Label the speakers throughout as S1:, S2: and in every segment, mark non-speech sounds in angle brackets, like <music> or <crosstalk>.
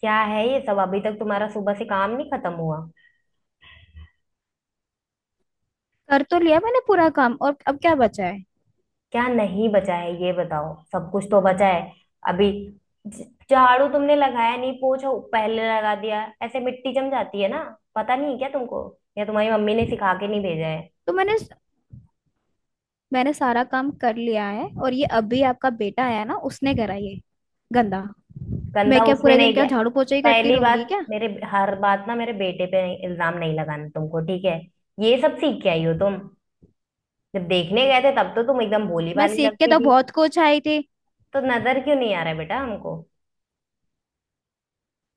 S1: क्या है ये सब। अभी तक तुम्हारा सुबह से काम नहीं खत्म हुआ।
S2: कर तो लिया मैंने पूरा काम। और अब क्या बचा है?
S1: क्या नहीं बचा है ये बताओ, सब कुछ तो बचा है। अभी ज- झाड़ू तुमने लगाया नहीं, पोछा पहले लगा दिया, ऐसे मिट्टी जम जाती है ना। पता नहीं क्या तुमको, या तुम्हारी मम्मी ने सिखा के नहीं भेजा है।
S2: तो मैंने मैंने सारा काम कर लिया है। और ये अभी आपका बेटा आया ना, उसने करा ये गंदा।
S1: गंदा
S2: मैं
S1: देखो,
S2: क्या
S1: उसने
S2: पूरे
S1: नहीं
S2: दिन
S1: तुम
S2: क्या
S1: किया।
S2: झाड़ू पोछा ही करती
S1: पहली
S2: रहूंगी
S1: बात,
S2: क्या?
S1: मेरे हर बात ना मेरे बेटे पे इल्जाम नहीं लगाना तुमको, ठीक है। ये सब सीख के आई हो तुम। जब देखने गए थे तब तो तुम एकदम भोली
S2: मैं
S1: भाली
S2: सीख के
S1: लगती
S2: तो
S1: थी।
S2: बहुत कुछ आई थी।
S1: तो नजर क्यों नहीं आ रहा है बेटा हमको।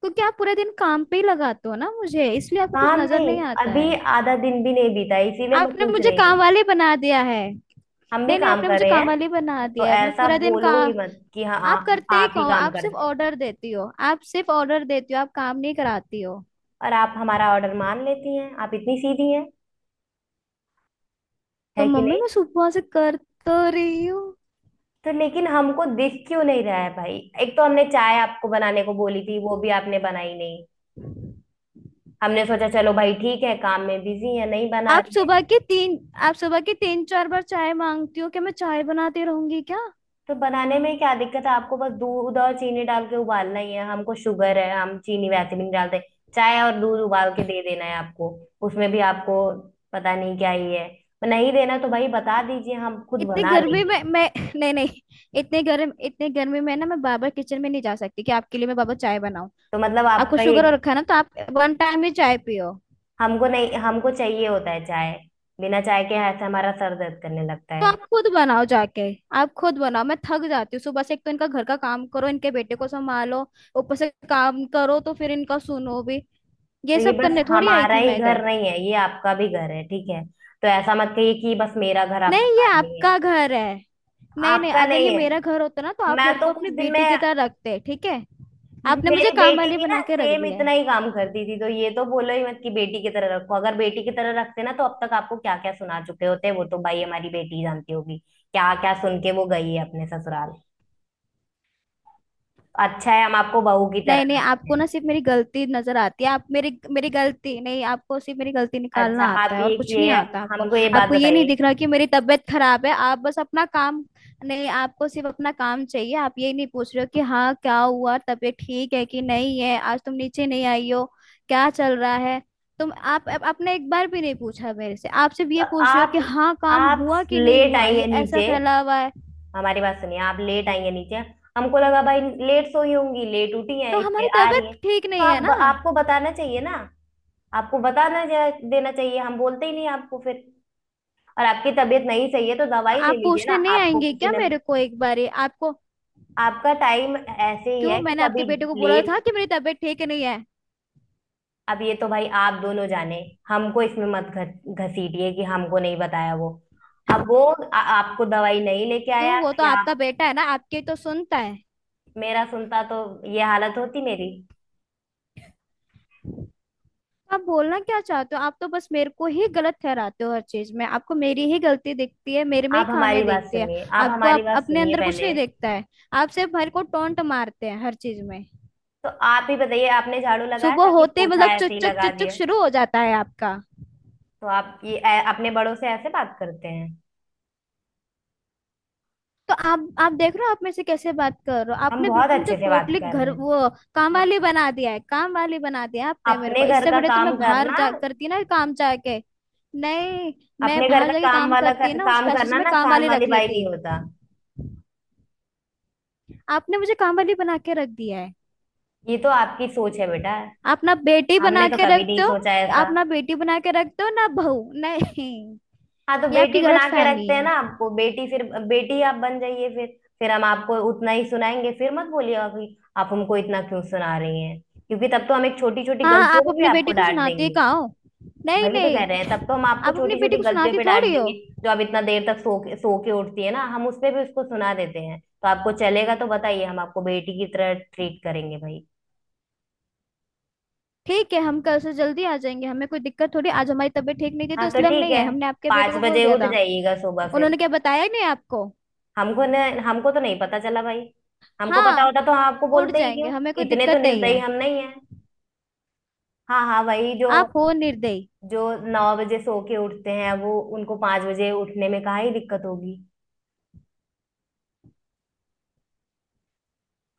S2: क्योंकि आप पूरे दिन काम पे ही लगाते हो ना मुझे, इसलिए आपको कुछ
S1: काम
S2: नजर
S1: नहीं,
S2: नहीं आता
S1: अभी
S2: है।
S1: आधा दिन भी नहीं बीता है, इसीलिए मैं
S2: आपने
S1: पूछ
S2: मुझे
S1: रही हूँ।
S2: काम वाली बना दिया है।
S1: हम भी
S2: नहीं नहीं,
S1: काम
S2: आपने
S1: कर
S2: मुझे
S1: रहे
S2: काम
S1: हैं।
S2: वाली बना
S1: तो
S2: दिया है। मैं
S1: ऐसा
S2: पूरा दिन
S1: बोलो ही
S2: काम।
S1: मत कि हाँ
S2: आप करते ही
S1: आप ही
S2: कहो।
S1: काम
S2: आप सिर्फ
S1: करते
S2: ऑर्डर देती हो, आप सिर्फ ऑर्डर देती हो, आप काम नहीं कराती हो।
S1: हो। और आप हमारा ऑर्डर मान लेती हैं, आप इतनी सीधी हैं,
S2: तो
S1: है कि
S2: मम्मी
S1: नहीं।
S2: मैं सुबह से कर तो रही हूँ।
S1: तो लेकिन हमको दिख क्यों नहीं रहा है भाई। एक तो हमने चाय आपको बनाने को बोली थी, वो भी आपने बनाई नहीं। हमने सोचा चलो भाई ठीक है, काम में बिजी है, नहीं बना
S2: आप
S1: रही है।
S2: सुबह के तीन। आप सुबह के तीन चार बार चाय मांगती हो, क्या मैं चाय बनाती रहूंगी क्या?
S1: तो बनाने में क्या दिक्कत है आपको, बस दूध और चीनी डाल के उबालना ही है। हमको शुगर है, हम चीनी वैसे भी नहीं डालते। चाय और दूध उबाल के दे देना है आपको। उसमें भी आपको पता नहीं क्या ही है। नहीं देना तो भाई बता दीजिए, हम खुद
S2: इतनी
S1: बना
S2: गर्मी
S1: लेंगे।
S2: में मैं <laughs> नहीं नहीं। इतने गर्म इतने गर्मी में ना मैं बाबा किचन में नहीं जा सकती कि आपके लिए मैं बाबा चाय बनाऊं।
S1: तो मतलब
S2: आपको
S1: आपका ये,
S2: शुगर हो रखा है ना, तो आप वन टाइम ही चाय पियो।
S1: हमको नहीं, हमको चाहिए होता है चाय। बिना चाय के ऐसे हमारा सर दर्द करने लगता
S2: तो
S1: है।
S2: आप खुद बनाओ जाके। आप खुद बनाओ, मैं थक जाती हूँ सुबह से। एक तो इनका घर का काम करो, इनके बेटे को संभालो, ऊपर से काम करो, तो फिर इनका सुनो भी।
S1: तो
S2: ये
S1: ये
S2: सब
S1: बस
S2: करने थोड़ी आई
S1: हमारा
S2: थी
S1: ही
S2: मैं
S1: घर
S2: इधर।
S1: नहीं है, ये आपका भी घर है, ठीक है। तो ऐसा मत कहिए कि बस मेरा घर आप
S2: नहीं, ये
S1: संभाल लेंगे।
S2: आपका घर है। नहीं नहीं,
S1: आपका
S2: अगर ये
S1: नहीं है।
S2: मेरा घर होता ना, तो आप
S1: मैं
S2: मेरे
S1: तो
S2: को
S1: कुछ
S2: अपनी
S1: दिन में,
S2: बेटी की तरह रखते। ठीक है। आपने मुझे
S1: मेरी
S2: काम
S1: बेटी
S2: वाली
S1: भी ना
S2: बना के रख
S1: सेम
S2: दिया है।
S1: इतना ही काम करती थी। तो ये तो बोलो ही मत कि बेटी की तरह रखो। अगर बेटी की तरह रखते ना तो अब तक आपको क्या क्या सुना चुके होते। वो तो भाई हमारी बेटी जानती होगी क्या क्या सुन के वो गई है अपने ससुराल। अच्छा है हम आपको बहू की तरह
S2: नहीं नहीं,
S1: रखते
S2: आपको
S1: हैं।
S2: ना सिर्फ मेरी गलती नजर आती है। आप मेरी मेरी गलती नहीं, आपको सिर्फ मेरी गलती निकालना
S1: अच्छा
S2: आता
S1: आप
S2: है, और
S1: ये
S2: कुछ
S1: कि
S2: नहीं आता आपको।
S1: हमको ये बात
S2: आपको ये नहीं
S1: बताइए।
S2: दिख रहा कि मेरी तबीयत खराब है। आप बस अपना काम। नहीं, आपको सिर्फ अपना काम चाहिए। आप ये नहीं पूछ रहे हो कि हाँ, क्या हुआ, तबीयत ठीक है कि नहीं है, आज तुम नीचे नहीं आई हो, क्या चल रहा है। तुम आपने एक बार भी नहीं पूछा मेरे से। आप सिर्फ ये
S1: तो
S2: पूछ रहे हो
S1: आप
S2: कि हाँ, काम
S1: आप
S2: हुआ कि नहीं
S1: लेट
S2: हुआ, ये
S1: आएंगे
S2: ऐसा
S1: नीचे।
S2: फैला हुआ है।
S1: हमारी बात सुनिए, आप लेट आएंगे नीचे, हमको लगा भाई लेट सोई होंगी, लेट उठी है
S2: तो हमारी
S1: इसलिए आ रही
S2: तबीयत
S1: है।
S2: ठीक
S1: तो
S2: नहीं है
S1: आप,
S2: ना।
S1: आपको बताना चाहिए ना। आपको देना चाहिए, हम बोलते ही नहीं आपको फिर। और आपकी तबीयत नहीं सही है तो
S2: तो
S1: दवाई ले
S2: आप
S1: लीजिए ना,
S2: पूछने नहीं
S1: आपको
S2: आएंगे
S1: किसी
S2: क्या
S1: ने।
S2: मेरे को एक बारी आपको।
S1: आपका टाइम ऐसे ही
S2: क्यों?
S1: है कि
S2: मैंने
S1: कभी
S2: आपके बेटे को बोला
S1: लेट।
S2: था कि मेरी तबीयत ठीक नहीं है।
S1: अब ये तो भाई आप दोनों जाने, हमको इसमें मत घसीटिए कि हमको नहीं बताया वो। अब वो आपको दवाई नहीं लेके
S2: क्यों,
S1: आया
S2: वो तो
S1: या आप।
S2: आपका बेटा है ना, आपके तो सुनता है।
S1: मेरा सुनता तो ये हालत होती मेरी।
S2: तो आप बोलना क्या चाहते हो? आप तो बस मेरे को ही गलत ठहराते हो, हर चीज में आपको मेरी ही गलती दिखती है, मेरे में ही
S1: आप हमारी
S2: खामियां
S1: बात
S2: दिखती है।
S1: सुनिए, आप
S2: आपको
S1: हमारी
S2: आप
S1: बात
S2: अपने
S1: सुनिए
S2: अंदर कुछ
S1: पहले।
S2: नहीं दिखता है। आप सिर्फ मेरे को टोंट मारते हैं हर चीज में।
S1: तो आप ही बताइए आपने झाड़ू लगाया
S2: सुबह
S1: था कि
S2: होते ही
S1: पोछा
S2: मतलब
S1: ऐसे
S2: चुक
S1: ही
S2: चुक
S1: लगा
S2: चुक चुक
S1: दिया।
S2: शुरू हो जाता है आपका।
S1: तो आप ये अपने बड़ों से ऐसे बात करते हैं।
S2: तो आप देख रहे हो आप में से कैसे बात कर रहे हो।
S1: हम
S2: आपने
S1: बहुत
S2: बिल्कुल मुझे
S1: अच्छे से बात
S2: टोटली
S1: कर
S2: घर
S1: रहे हैं।
S2: वो काम
S1: हाँ,
S2: वाली बना दिया है। काम वाली बना दिया है आपने मेरे
S1: अपने
S2: को।
S1: घर
S2: इससे
S1: का
S2: बड़े तो
S1: काम
S2: मैं बाहर
S1: करना।
S2: जा करती ना काम जाके। नहीं, मैं
S1: अपने घर
S2: बाहर
S1: का
S2: जाके काम करती ना, उस
S1: काम
S2: पैसों से
S1: करना
S2: मैं
S1: ना,
S2: काम
S1: काम
S2: वाली
S1: वाली
S2: रख
S1: बाई
S2: लेती।
S1: नहीं होता।
S2: आपने मुझे काम वाली बना के रख दिया है।
S1: ये तो आपकी सोच है बेटा,
S2: आप ना बेटी
S1: हमने
S2: बना
S1: तो
S2: के
S1: कभी नहीं
S2: रखते हो।
S1: सोचा
S2: आप
S1: ऐसा।
S2: ना बेटी बना के रखते हो ना बहू, नहीं।
S1: हाँ तो
S2: ये आपकी
S1: बेटी
S2: गलत
S1: बना के
S2: फहमी
S1: रखते हैं ना
S2: है।
S1: आपको, बेटी, फिर बेटी आप बन जाइए फिर। फिर हम आपको उतना ही सुनाएंगे, फिर मत बोलिएगा कि आप हमको इतना क्यों सुना रही हैं, क्योंकि तब तो हम एक छोटी छोटी
S2: हाँ,
S1: गलतियों
S2: आप
S1: में भी
S2: अपनी
S1: आपको
S2: बेटी को
S1: डांट
S2: सुनाते
S1: देंगे।
S2: कहाँ हो? नहीं
S1: वही तो कह रहे हैं,
S2: नहीं,
S1: तब तो हम आपको
S2: आप अपनी
S1: छोटी
S2: बेटी
S1: छोटी
S2: को
S1: गलतियों
S2: सुनाती
S1: पे डांट
S2: थोड़ी हो।
S1: देंगे। जो आप इतना देर तक सो के उठती है ना, हम उस पे भी उसको सुना देते हैं। तो आपको चलेगा तो बताइए, हम आपको बेटी की तरह ट्रीट करेंगे भाई।
S2: ठीक है, हम कल से जल्दी आ जाएंगे, हमें कोई दिक्कत थोड़ी। आज हमारी तबीयत ठीक नहीं थी
S1: हाँ
S2: तो
S1: तो
S2: इसलिए हम
S1: ठीक
S2: नहीं
S1: है,
S2: आए, हमने आपके बेटे
S1: पाँच
S2: को बोल
S1: बजे
S2: दिया
S1: उठ
S2: था।
S1: जाइएगा सुबह फिर।
S2: उन्होंने क्या बताया ही नहीं आपको?
S1: हमको न, हमको तो नहीं पता चला भाई। हमको पता
S2: हाँ।
S1: होता तो हम आपको
S2: उड़
S1: बोलते ही
S2: जाएंगे,
S1: क्यों।
S2: हमें कोई
S1: इतने तो
S2: दिक्कत नहीं
S1: निर्दयी
S2: है।
S1: हम नहीं है। हाँ हाँ, वही जो,
S2: आप हो निर्दयी।
S1: जो 9 बजे सो के उठते हैं वो उनको 5 बजे उठने में काहे ही दिक्कत होगी।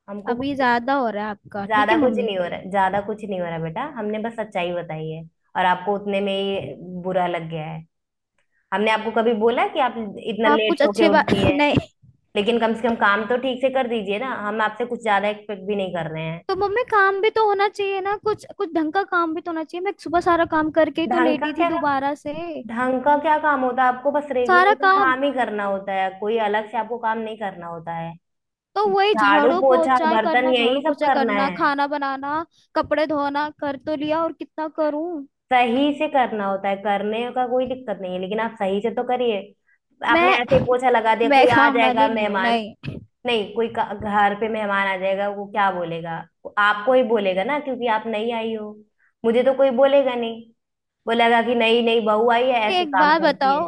S1: हमको
S2: अभी
S1: कुछ,
S2: ज्यादा हो रहा है आपका, ठीक
S1: ज्यादा
S2: है
S1: कुछ
S2: मम्मी।
S1: नहीं हो रहा है, ज्यादा कुछ नहीं हो रहा है बेटा। हमने बस सच्चाई बताई है और आपको उतने में ही बुरा लग गया है। हमने आपको कभी बोला कि आप इतना
S2: तो आप
S1: लेट
S2: कुछ
S1: सो के
S2: अच्छे बात
S1: उठती
S2: <laughs>
S1: हैं।
S2: नहीं।
S1: लेकिन कम से कम काम तो ठीक से कर दीजिए ना, हम आपसे कुछ ज्यादा एक्सपेक्ट भी नहीं कर रहे हैं।
S2: तो मम्मी काम भी तो होना चाहिए ना, कुछ कुछ ढंग का काम भी तो होना चाहिए। मैं सुबह सारा काम करके ही तो
S1: ढंग का
S2: लेटी थी
S1: क्या,
S2: दोबारा से।
S1: ढंग का क्या काम होता है। आपको बस रेगुलर
S2: सारा
S1: का
S2: काम
S1: काम ही करना होता है, कोई अलग से आपको काम नहीं करना होता है।
S2: तो वही
S1: झाड़ू
S2: झाड़ू
S1: पोछा
S2: पोछा
S1: बर्तन
S2: करना,
S1: यही
S2: झाड़ू
S1: सब
S2: पोछा
S1: करना
S2: करना,
S1: है।
S2: खाना बनाना, कपड़े धोना, कर तो लिया, और कितना करूं?
S1: सही से करना होता है, करने का कोई दिक्कत नहीं है, लेकिन आप सही से तो करिए। आपने ऐसे ही
S2: मैं
S1: पोछा लगा दिया,
S2: मैं
S1: कोई आ
S2: काम
S1: जाएगा
S2: वाली नहीं हूँ।
S1: मेहमान।
S2: नहीं।
S1: नहीं, कोई घर पे मेहमान आ जाएगा, वो क्या बोलेगा। वो आपको ही बोलेगा ना, क्योंकि आप नहीं आई हो। मुझे तो कोई बोलेगा नहीं। बोलेगा कि नहीं नहीं, बहू आई है ऐसे
S2: एक
S1: काम
S2: बात
S1: करती
S2: बताओ।
S1: है।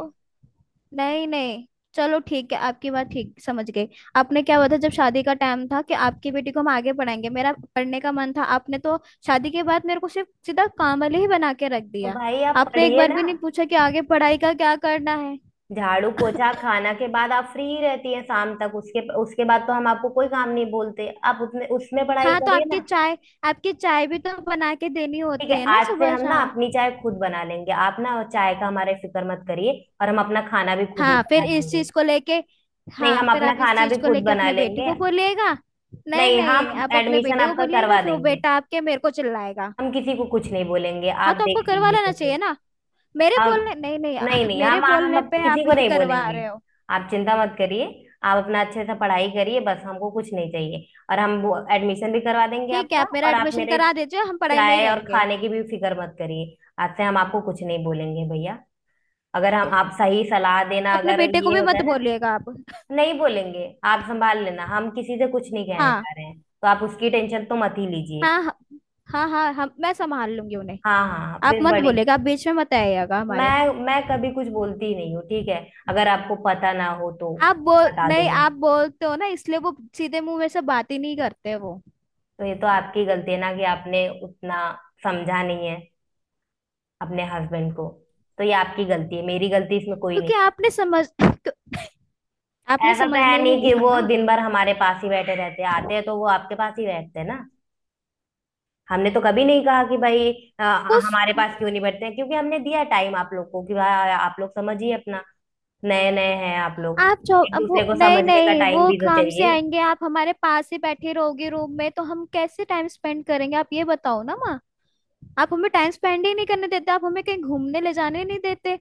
S2: नहीं नहीं, चलो ठीक है, आपकी बात ठीक समझ गई। आपने क्या बताया जब शादी का टाइम था? कि आपकी बेटी को हम आगे पढ़ाएंगे। मेरा पढ़ने का मन था। आपने तो शादी के बाद मेरे को सिर्फ सीधा काम वाले ही बना के रख
S1: तो
S2: दिया।
S1: भाई आप
S2: आपने एक
S1: पढ़िए
S2: बार
S1: ना।
S2: भी नहीं पूछा कि आगे पढ़ाई का क्या करना है।
S1: झाड़ू पोछा खाना के बाद आप फ्री रहती है शाम तक, उसके उसके बाद तो हम आपको कोई काम नहीं बोलते। आप उसमें उसमें पढ़ाई
S2: हाँ तो
S1: करिए
S2: आपकी
S1: ना।
S2: चाय। आपकी चाय भी तो बना के देनी
S1: ठीक
S2: होती
S1: है,
S2: है ना
S1: आज से
S2: सुबह
S1: हम ना
S2: शाम।
S1: अपनी चाय खुद बना लेंगे, आप ना चाय का हमारे फिक्र मत करिए। और हम अपना खाना भी खुद ही
S2: हाँ
S1: बना
S2: फिर इस
S1: लेंगे।
S2: चीज को लेके।
S1: नहीं,
S2: हाँ
S1: हम
S2: फिर
S1: अपना
S2: आप इस
S1: खाना भी
S2: चीज को
S1: खुद
S2: लेके
S1: बना
S2: अपने बेटे
S1: लेंगे।
S2: को बोलिएगा। नहीं
S1: नहीं,
S2: नहीं,
S1: हम
S2: आप अपने
S1: एडमिशन
S2: बेटे को
S1: आपका
S2: बोलिएगा,
S1: करवा
S2: फिर वो
S1: देंगे।
S2: बेटा आपके, मेरे को चिल्लाएगा।
S1: हम किसी को कुछ नहीं बोलेंगे, आप
S2: हाँ, तो
S1: देख
S2: आपको करवा
S1: लीजिएगा
S2: लेना चाहिए
S1: फिर।
S2: ना। मेरे
S1: हम
S2: बोलने नहीं नहीं,
S1: नहीं
S2: <laughs>
S1: नहीं
S2: मेरे
S1: हम
S2: बोलने पे
S1: किसी
S2: आप
S1: को
S2: ये
S1: नहीं
S2: करवा
S1: बोलेंगे,
S2: रहे हो।
S1: आप चिंता मत करिए। आप अपना अच्छे से पढ़ाई करिए, बस हमको कुछ नहीं चाहिए, और हम वो एडमिशन भी करवा देंगे
S2: ठीक है,
S1: आपका।
S2: आप मेरा
S1: और आप
S2: एडमिशन
S1: मेरे
S2: करा दीजिए, हम पढ़ाई में ही
S1: चाय और
S2: रहेंगे।
S1: खाने की भी फिक्र मत करिए। आज से हम आपको कुछ नहीं बोलेंगे भैया। अगर हम आप सही सलाह देना
S2: तो अपने
S1: अगर
S2: बेटे को
S1: ये
S2: भी
S1: होता
S2: मत
S1: है ना,
S2: बोलिएगा आप।
S1: नहीं बोलेंगे। आप संभाल लेना, हम किसी से कुछ नहीं कहने
S2: हाँ
S1: जा रहे हैं, तो आप उसकी टेंशन तो मत ही लीजिए।
S2: हाँ हाँ हाँ हाँ। हम मैं संभाल लूंगी उन्हें।
S1: हाँ हाँ हाँ,
S2: आप
S1: फिर
S2: मत
S1: बड़े।
S2: बोलिएगा, आप बीच में मत आइएगा हमारे।
S1: मैं कभी कुछ बोलती ही नहीं हूँ ठीक है, अगर आपको पता ना हो तो
S2: आप बोल
S1: बता दूं
S2: नहीं,
S1: मैं।
S2: आप बोलते हो ना, इसलिए वो सीधे मुंह में से बात ही नहीं करते वो।
S1: तो ये तो आपकी गलती है ना कि आपने उतना समझा नहीं है अपने हस्बैंड को। तो ये आपकी गलती है, मेरी गलती इसमें कोई
S2: क्योंकि
S1: नहीं है।
S2: आपने
S1: ऐसा तो है
S2: समझने ही नहीं
S1: नहीं कि
S2: दिया
S1: वो
S2: ना।
S1: दिन भर हमारे पास ही बैठे रहते हैं, आते हैं तो वो आपके पास ही बैठते हैं ना। हमने तो कभी नहीं कहा कि भाई अ,
S2: उस,
S1: हमारे पास क्यों नहीं बैठते हैं, क्योंकि हमने दिया टाइम आप लोग को कि भाई आप लोग समझिए अपना। नए नए हैं आप लोग,
S2: आप जो,
S1: एक
S2: अब वो
S1: दूसरे को
S2: नहीं
S1: समझने का
S2: नहीं,
S1: टाइम
S2: वो
S1: भी तो
S2: काम से
S1: चाहिए।
S2: आएंगे। आप हमारे पास ही बैठे रहोगे रूम में, तो हम कैसे टाइम स्पेंड करेंगे, आप ये बताओ ना माँ। आप हमें टाइम स्पेंड ही नहीं करने देते, आप हमें कहीं घूमने ले जाने नहीं देते।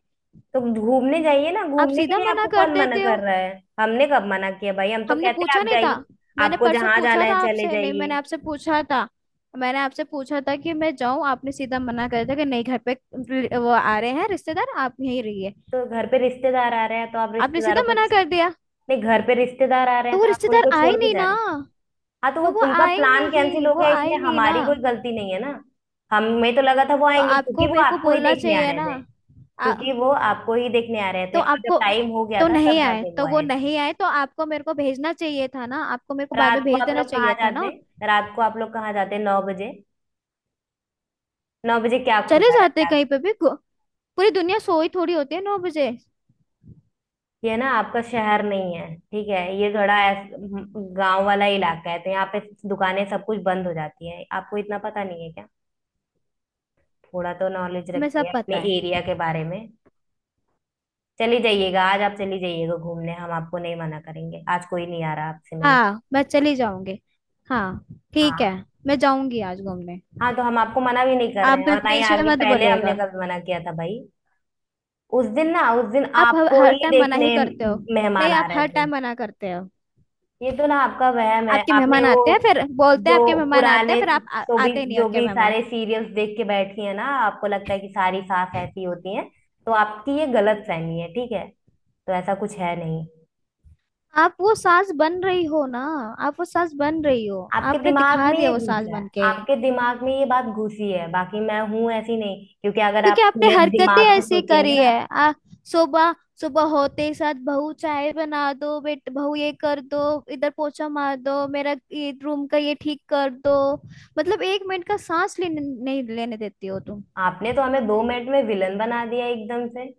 S1: तो घूमने जाइए ना,
S2: आप
S1: घूमने के
S2: सीधा
S1: लिए
S2: मना
S1: आपको
S2: कर
S1: कौन मना
S2: देते हो।
S1: कर रहा है। हमने कब मना किया भाई, हम तो
S2: हमने
S1: कहते हैं
S2: पूछा
S1: आप
S2: नहीं था?
S1: जाइए।
S2: मैंने
S1: आपको
S2: परसों
S1: जहां जाना
S2: पूछा था
S1: है चले
S2: आपसे, नहीं,
S1: जाइए।
S2: मैंने आपसे पूछा था। मैंने आपसे पूछा था कि मैं जाऊं, आपने सीधा मना कर दिया कि नहीं, घर पे वो आ रहे हैं रिश्तेदार, आप यहीं रहिए।
S1: तो घर पे रिश्तेदार आ रहे हैं तो आप
S2: आपने सीधा
S1: रिश्तेदारों को,
S2: मना कर
S1: नहीं
S2: दिया।
S1: घर पे रिश्तेदार आ रहे
S2: तो
S1: हैं
S2: वो
S1: तो आप
S2: रिश्तेदार
S1: उनको छोड़
S2: आए
S1: के
S2: नहीं
S1: जा
S2: ना।
S1: रहे हैं। हाँ तो वो
S2: तो वो
S1: उनका
S2: आए
S1: प्लान कैंसिल
S2: नहीं,
S1: हो
S2: वो
S1: गया, इसमें
S2: आए नहीं ना।
S1: हमारी कोई गलती नहीं है ना। हमें तो लगा था वो
S2: तो
S1: आएंगे क्योंकि
S2: आपको
S1: वो
S2: मेरे को
S1: आपको ही
S2: बोलना
S1: देखने आ
S2: चाहिए
S1: रहे
S2: ना।
S1: थे।
S2: आ,
S1: क्योंकि वो आपको ही देखने आ रहे
S2: तो
S1: थे, और जब
S2: आपको
S1: टाइम हो गया
S2: तो
S1: था
S2: नहीं
S1: तब
S2: आए,
S1: जाके
S2: तो
S1: वो
S2: वो
S1: आए थे।
S2: नहीं आए, तो आपको मेरे को भेजना चाहिए था ना। आपको मेरे को बाद में
S1: रात को
S2: भेज
S1: आप
S2: देना
S1: लोग कहाँ
S2: चाहिए था ना।
S1: जाते। रात को आप लोग कहाँ जाते 9 बजे। नौ बजे क्या
S2: चले
S1: खुला रहता
S2: जाते
S1: है।
S2: कहीं पे भी पूरी दुनिया सोई थोड़ी होती है 9 बजे।
S1: ये ना आपका शहर नहीं है ठीक है, ये थोड़ा गांव वाला इलाका है, तो यहाँ पे दुकानें सब कुछ बंद हो जाती है। आपको इतना पता नहीं है क्या। थोड़ा तो नॉलेज
S2: हमें
S1: रखिए
S2: सब
S1: अपने
S2: पता है।
S1: एरिया के बारे में। चली जाइएगा आज, आप चली जाइएगा घूमने, हम आपको नहीं मना करेंगे, आज कोई नहीं आ रहा आपसे मिलने।
S2: हाँ, मैं चली जाऊंगी। हाँ, ठीक है।
S1: हाँ।
S2: मैं जाऊंगी आज घूमने।
S1: हाँ तो हम आपको मना भी नहीं कर
S2: आप
S1: रहे हैं,
S2: भी
S1: और ना ही
S2: बीच में
S1: आगे
S2: मत
S1: पहले हमने
S2: बोलिएगा।
S1: कभी मना किया था भाई। उस दिन ना, उस दिन
S2: आप हर
S1: आपको
S2: हर
S1: ही
S2: टाइम मना ही
S1: देखने
S2: करते हो।
S1: मेहमान
S2: नहीं,
S1: आ
S2: आप
S1: रहे
S2: हर
S1: थे।
S2: टाइम मना करते हो।
S1: ये तो ना आपका वहम है।
S2: आपके
S1: आपने
S2: मेहमान
S1: वो
S2: आते हैं फिर बोलते हैं,
S1: जो
S2: आपके मेहमान आते हैं
S1: पुराने,
S2: फिर आप आते नहीं हैं
S1: जो
S2: उनके
S1: भी
S2: मेहमान।
S1: सारे सीरियल्स देख के बैठी है ना, आपको लगता है कि सारी सास ऐसी होती हैं। तो आपकी ये गलत फहमी है ठीक है, तो ऐसा कुछ है नहीं।
S2: आप वो सास बन रही हो ना। आप वो सास बन रही हो।
S1: आपके
S2: आपने
S1: दिमाग
S2: दिखा
S1: में
S2: दिया
S1: ये
S2: वो सास
S1: घुसा है,
S2: बन के।
S1: आपके दिमाग में ये बात घुसी है, बाकी मैं हूं ऐसी नहीं। क्योंकि अगर आप
S2: क्योंकि आपने
S1: खुले
S2: हरकतें
S1: दिमाग से
S2: ऐसी
S1: सोचेंगे
S2: करी
S1: ना,
S2: है। सुबह, सुबह होते ही साथ बहू चाय बना दो, बेट बहू ये कर दो। इधर पोछा मार दो, मेरा ये रूम का ये ठीक कर दो, मतलब एक मिनट का सांस लेने नहीं लेने देती हो तुम।
S1: आपने तो हमें 2 मिनट में विलन बना दिया एकदम से।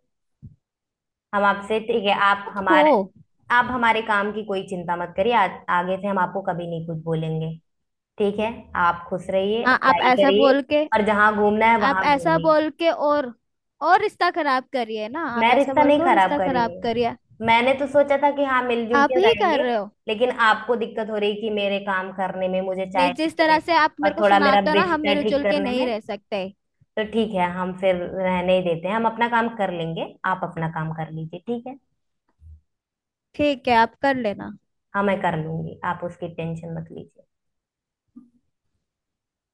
S1: हम आपसे ठीक है, आप
S2: आप
S1: हमारे,
S2: हो।
S1: आप हमारे काम की कोई चिंता मत करिए। आगे से हम आपको कभी नहीं कुछ बोलेंगे, ठीक है। आप खुश रहिए,
S2: हाँ,
S1: पढ़ाई करिए, और जहां घूमना है
S2: आप
S1: वहां
S2: ऐसा
S1: घूमिए।
S2: बोल के और रिश्ता खराब करिए ना। आप
S1: मैं
S2: ऐसा
S1: रिश्ता
S2: बोल
S1: नहीं
S2: के और
S1: खराब
S2: रिश्ता
S1: कर
S2: खराब
S1: रही हूँ,
S2: करिए।
S1: मैंने तो सोचा था कि हाँ मिलजुल
S2: आप
S1: के
S2: ही कर
S1: रहेंगे।
S2: रहे हो।
S1: लेकिन आपको दिक्कत हो रही कि मेरे काम करने में, मुझे
S2: नहीं,
S1: चाय
S2: जिस
S1: देने
S2: तरह
S1: में,
S2: से आप मेरे
S1: और
S2: को
S1: थोड़ा मेरा
S2: सुनाते हो ना, हम
S1: बिस्तर ठीक
S2: मिलजुल के
S1: करने
S2: नहीं
S1: में।
S2: रह सकते।
S1: तो ठीक है, हम फिर रहने ही देते हैं, हम अपना काम कर लेंगे आप अपना काम कर लीजिए ठीक है।
S2: ठीक है, आप कर लेना।
S1: हाँ मैं कर लूंगी, आप उसकी टेंशन मत लीजिए।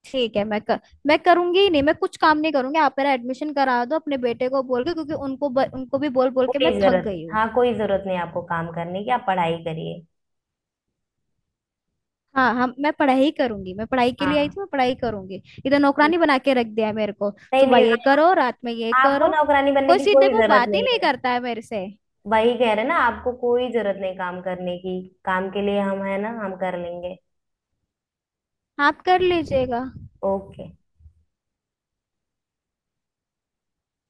S2: ठीक है, मैं करूंगी ही नहीं, मैं कुछ काम नहीं करूंगी। आप मेरा एडमिशन करा दो अपने बेटे को बोल के, क्योंकि उनको भी बोल बोल के
S1: कोई
S2: मैं थक
S1: जरूरत नहीं,
S2: गई हूँ।
S1: हाँ कोई जरूरत नहीं आपको काम करने की, आप पढ़ाई करिए।
S2: हाँ, हम मैं पढ़ाई करूंगी, मैं पढ़ाई के लिए आई
S1: हाँ,
S2: थी, मैं पढ़ाई करूंगी, इधर
S1: ठीक।
S2: नौकरानी बना के रख दिया है मेरे को।
S1: नहीं
S2: सुबह
S1: नहीं
S2: ये करो,
S1: आप-
S2: रात में ये
S1: आपको
S2: करो।
S1: नौकरानी बनने
S2: कोई
S1: की
S2: सीधे
S1: कोई
S2: मुंह
S1: जरूरत
S2: बात ही
S1: नहीं
S2: नहीं
S1: है।
S2: करता है मेरे से।
S1: वही कह रहे ना, आपको कोई जरूरत नहीं काम करने की। काम के लिए हम है ना, हम कर लेंगे।
S2: आप कर लीजिएगा।
S1: ओके।